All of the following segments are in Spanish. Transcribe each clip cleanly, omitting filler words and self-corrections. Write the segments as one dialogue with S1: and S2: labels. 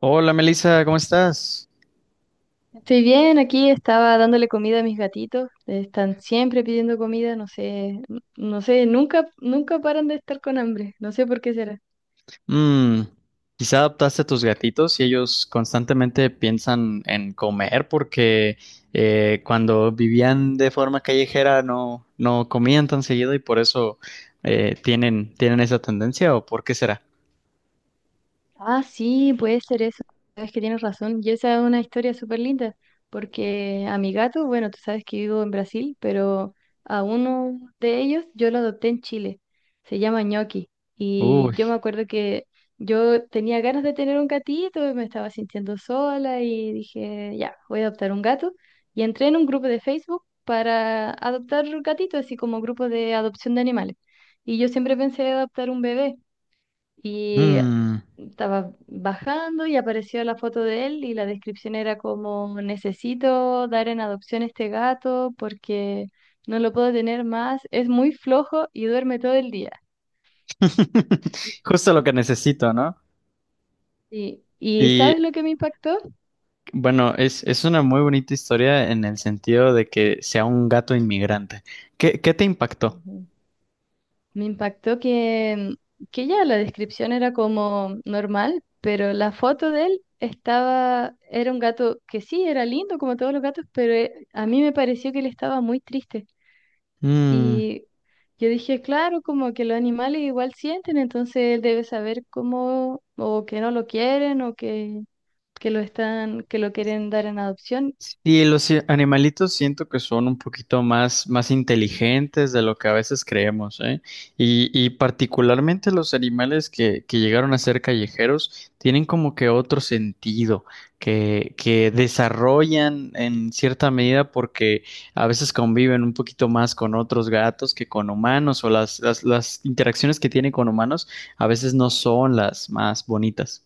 S1: Hola Melissa, ¿cómo estás?
S2: Estoy bien, aquí estaba dándole comida a mis gatitos. Están siempre pidiendo comida, no sé, no sé, nunca paran de estar con hambre. No sé por qué será.
S1: Mm, quizá adaptaste a tus gatitos y ellos constantemente piensan en comer porque cuando vivían de forma callejera no comían tan seguido y por eso eh, tienen esa tendencia, ¿o por qué será?
S2: Ah, sí, puede ser eso. Sabes que tienes razón. Y esa es una historia súper linda, porque a mi gato, bueno, tú sabes que vivo en Brasil, pero a uno de ellos yo lo adopté en Chile. Se llama Ñoqui. Y
S1: Uy,
S2: yo me acuerdo que yo tenía ganas de tener un gatito, y me estaba sintiendo sola y dije, ya, voy a adoptar un gato. Y entré en un grupo de Facebook para adoptar gatitos, así como grupo de adopción de animales. Y yo siempre pensé adoptar un bebé y
S1: mm.
S2: estaba bajando y apareció la foto de él y la descripción era como, necesito dar en adopción este gato porque no lo puedo tener más, es muy flojo y duerme todo el día.
S1: Justo lo que necesito, ¿no?
S2: Y
S1: Y
S2: ¿sabes lo que me impactó?
S1: bueno, es una muy bonita historia en el sentido de que sea un gato inmigrante. ¿Qué te impactó?
S2: Ujú. Me impactó que ya la descripción era como normal, pero la foto de él estaba, era un gato que sí, era lindo como todos los gatos, pero a mí me pareció que él estaba muy triste.
S1: Mm.
S2: Y yo dije, claro, como que los animales igual sienten, entonces él debe saber cómo, o que no lo quieren, o que lo están, que lo quieren dar en adopción.
S1: Y los animalitos siento que son un poquito más inteligentes de lo que a veces creemos, ¿eh? Y particularmente los animales que llegaron a ser callejeros tienen como que otro sentido que desarrollan en cierta medida porque a veces conviven un poquito más con otros gatos que con humanos o las interacciones que tienen con humanos a veces no son las más bonitas.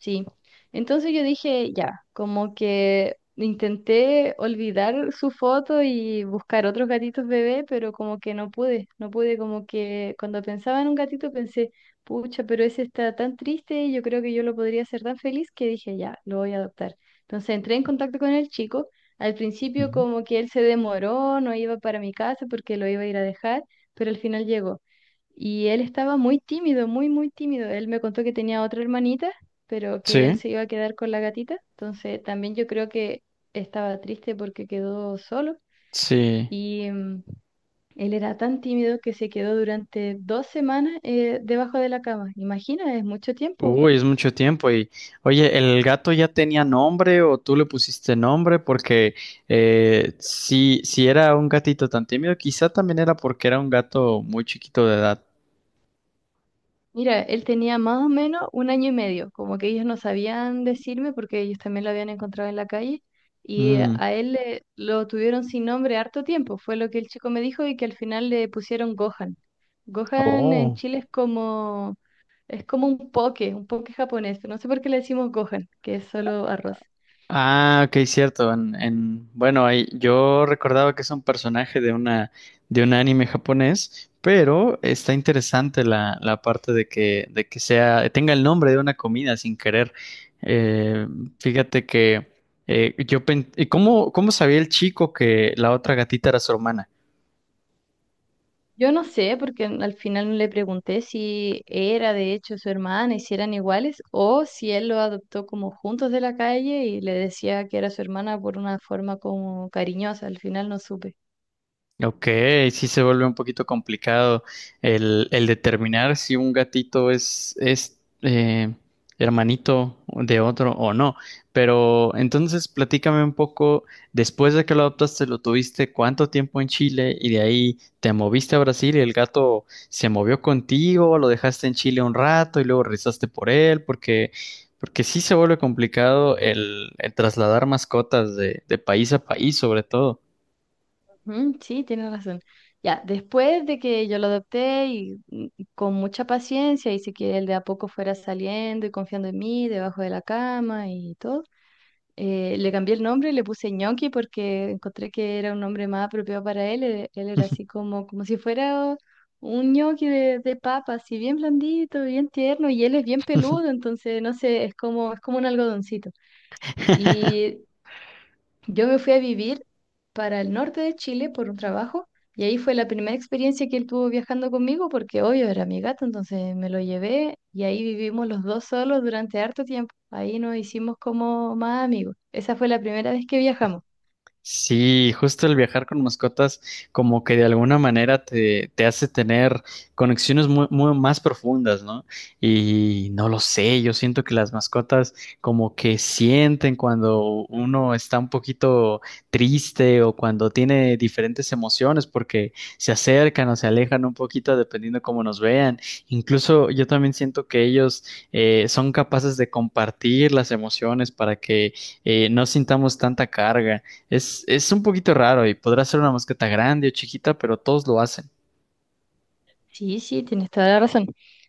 S2: Sí, entonces yo dije, ya, como que intenté olvidar su foto y buscar otros gatitos bebé, pero como que no pude, no pude, como que cuando pensaba en un gatito pensé, pucha, pero ese está tan triste, yo creo que yo lo podría hacer tan feliz que dije, ya, lo voy a adoptar. Entonces entré en contacto con el chico, al principio
S1: Ujú.
S2: como que él se demoró, no iba para mi casa porque lo iba a ir a dejar, pero al final llegó. Y él estaba muy tímido, muy tímido. Él me contó que tenía otra hermanita pero que él
S1: Sí,
S2: se iba a quedar con la gatita. Entonces también yo creo que estaba triste porque quedó solo
S1: sí.
S2: y mm, él era tan tímido que se quedó durante dos semanas debajo de la cama. Imagina, es mucho tiempo.
S1: Uy, es mucho tiempo. Y oye, ¿el gato ya tenía nombre o tú le pusiste nombre? Porque eh, si era un gatito tan tímido, quizá también era porque era un gato muy chiquito de edad.
S2: Mira, él tenía más o menos un año y medio, como que ellos no sabían decirme porque ellos también lo habían encontrado en la calle y
S1: Mm.
S2: a él lo tuvieron sin nombre harto tiempo, fue lo que el chico me dijo y que al final le pusieron Gohan. Gohan en
S1: Oh.
S2: Chile es como. Es como un poke japonés. No sé por qué le decimos Gohan, que es solo arroz.
S1: Ah, ok, cierto. Bueno, ahí, yo recordaba que es un personaje de una, de un anime japonés, pero está interesante la parte de que sea, tenga el nombre de una comida sin querer. Eh, Fíjate que yo pen- ¿y ¿cómo sabía el chico que la otra gatita era su hermana?
S2: Yo no sé, porque al final no le pregunté si era de hecho su hermana y si eran iguales, o si él lo adoptó como juntos de la calle y le decía que era su hermana por una forma como cariñosa. Al final no supe.
S1: Ok, sí se vuelve un poquito complicado el determinar si un gatito es hermanito de otro o no. Pero entonces platícame un poco, después de que lo adoptaste, lo tuviste cuánto tiempo en Chile y de ahí te moviste a Brasil y el gato se movió contigo, lo dejaste en Chile un rato y luego rezaste por él, porque sí se vuelve complicado el trasladar mascotas de país a país, sobre todo.
S2: Ujú, sí, tiene razón. Ya, después de que yo lo adopté y con mucha paciencia hice que él de a poco fuera saliendo y confiando en mí debajo de la cama y todo. Le cambié el nombre, le puse Ñoqui porque encontré que era un nombre más apropiado para él. Él era así como, como si fuera un ñoqui de papa, así bien blandito, bien tierno, y él es bien peludo, entonces no sé, es como un algodoncito. Y yo me fui a vivir para el norte de Chile por un trabajo y ahí fue la primera experiencia que él tuvo viajando conmigo porque obvio era mi gato, entonces me lo llevé y ahí vivimos los dos solos durante harto tiempo. Ahí nos hicimos como más amigos. Esa fue la primera vez que viajamos.
S1: Sí, justo el viajar con mascotas como que de alguna manera te hace tener conexiones muy más profundas, ¿no? Y no lo sé, yo siento que las mascotas como que sienten cuando uno está un poquito triste o cuando tiene diferentes emociones porque se acercan o se alejan un poquito dependiendo cómo nos vean. Incluso yo también siento que ellos son capaces de compartir las emociones para que no sintamos tanta carga. Es un poquito raro y podrá ser una mosqueta grande o chiquita, pero todos lo hacen.
S2: Sí, sí, tienes toda la razón.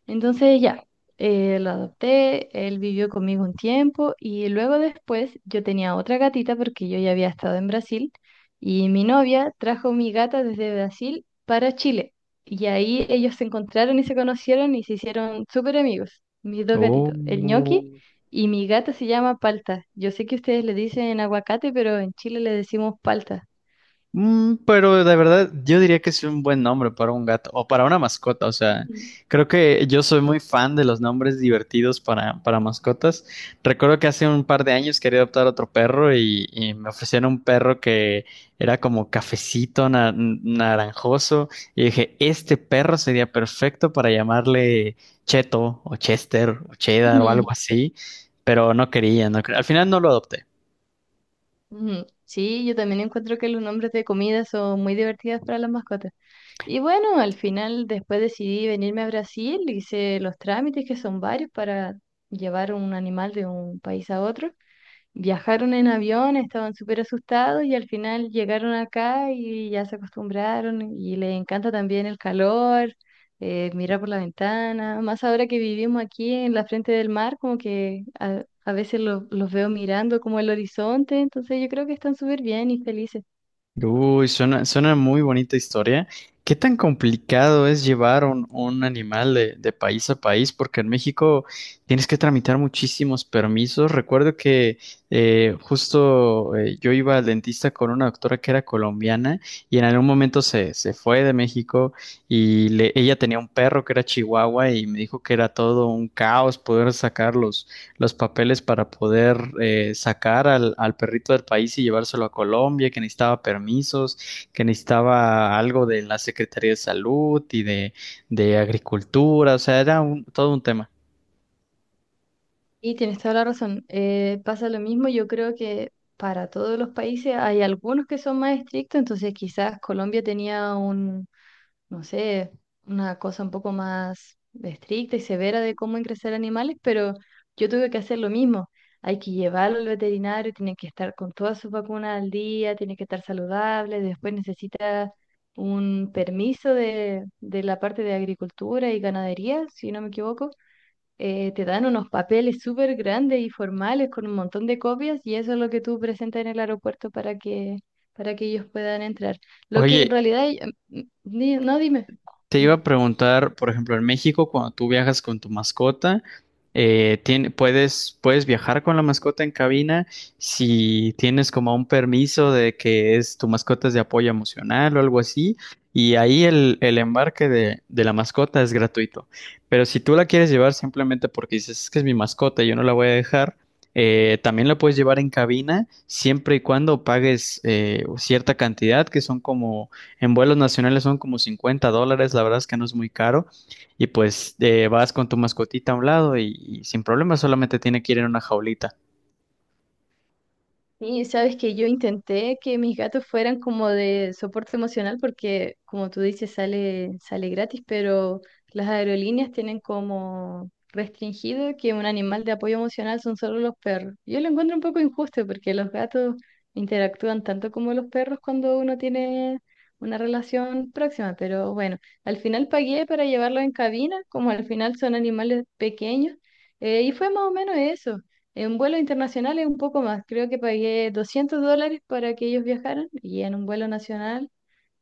S2: Entonces ya, lo adopté, él vivió conmigo un tiempo y luego después yo tenía otra gatita porque yo ya había estado en Brasil y mi novia trajo mi gata desde Brasil para Chile y ahí ellos se encontraron y se conocieron y se hicieron súper amigos, mis dos
S1: Oh.
S2: gatitos, el ñoqui y mi gata se llama Palta. Yo sé que ustedes le dicen aguacate, pero en Chile le decimos palta.
S1: Mm, pero de verdad, yo diría que es un buen nombre para un gato o para una mascota. O sea,
S2: Ujú.
S1: creo que yo soy muy fan de los nombres divertidos para mascotas. Recuerdo que hace un par de años quería adoptar otro perro y me ofrecieron un perro que era como cafecito, naranjoso. Y dije, este perro sería perfecto para llamarle Cheto o Chester o Cheddar o algo así. Pero no quería, no quería. Al final no lo adopté.
S2: Ujú. Sí, yo también encuentro que los nombres de comidas son muy divertidas para las mascotas. Y bueno, al final después decidí venirme a Brasil, hice los trámites que son varios para llevar un animal de un país a otro. Viajaron en avión, estaban súper asustados y al final llegaron acá y ya se acostumbraron y les encanta también el calor, mirar por la ventana, más ahora que vivimos aquí en la frente del mar, como que a veces los veo mirando como el horizonte, entonces yo creo que están súper bien y felices.
S1: Uy, suena, suena muy bonita historia. ¿Qué tan complicado es llevar un animal de país a país? Porque en México tienes que tramitar muchísimos permisos. Recuerdo que justo yo iba al dentista con una doctora que era colombiana y en algún momento se fue de México y ella tenía un perro que era chihuahua y me dijo que era todo un caos poder sacarlos los papeles para poder sacar al perrito del país y llevárselo a Colombia, que necesitaba permisos, que necesitaba algo de la Secretaría de Salud y de Agricultura, o sea, era un, todo un tema.
S2: Y tienes toda la razón, pasa lo mismo, yo creo que para todos los países hay algunos que son más estrictos, entonces quizás Colombia tenía no sé, una cosa un poco más estricta y severa de cómo ingresar animales, pero yo tuve que hacer lo mismo. Hay que llevarlo al veterinario, tiene que estar con todas sus vacunas al día, tiene que estar saludable, después necesita un permiso de la parte de agricultura y ganadería, si no me equivoco. Te dan unos papeles súper grandes y formales con un montón de copias y eso es lo que tú presentas en el aeropuerto para que ellos puedan entrar. Lo que en
S1: Oye,
S2: realidad, no dime.
S1: te iba a preguntar, por ejemplo, en México, cuando tú viajas con tu mascota, puedes viajar con la mascota en cabina si tienes como un permiso de que es tu mascota es de apoyo emocional o algo así, y ahí el embarque de la mascota es gratuito. Pero si tú la quieres llevar simplemente porque dices, es que es mi mascota y yo no la voy a dejar, también la puedes llevar en cabina siempre y cuando pagues cierta cantidad, que son como... En vuelos nacionales son como $50, la verdad es que no es muy caro. Y pues vas con tu mascotita a un lado y sin problema, solamente tiene que ir en una jaulita.
S2: Sí, sabes que yo intenté que mis gatos fueran como de soporte emocional porque, como tú dices, sale gratis, pero las aerolíneas tienen como restringido que un animal de apoyo emocional son solo los perros. Yo lo encuentro un poco injusto porque los gatos interactúan tanto como los perros cuando uno tiene una relación próxima, pero bueno, al final pagué para llevarlos en cabina, como al final son animales pequeños, y fue más o menos eso. En vuelo internacional es un poco más, creo que pagué $200 para que ellos viajaran y en un vuelo nacional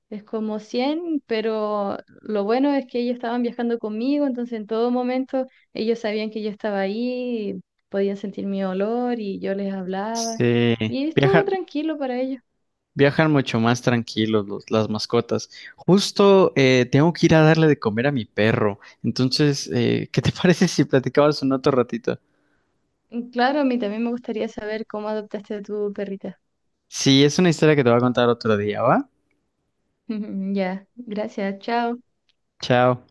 S2: es como 100, pero lo bueno es que ellos estaban viajando conmigo, entonces en todo momento ellos sabían que yo estaba ahí, podían sentir mi olor y yo les hablaba
S1: Sí,
S2: y estuvo
S1: viajan,
S2: tranquilo para ellos.
S1: viajan mucho más tranquilos las mascotas. Justo tengo que ir a darle de comer a mi perro. Entonces, ¿qué te parece si platicabas un otro ratito?
S2: Y claro, a mí también me gustaría saber cómo adoptaste a tu perrita.
S1: Sí, es una historia que te voy a contar otro día, ¿va?
S2: Ya, gracias, chao.
S1: Chao.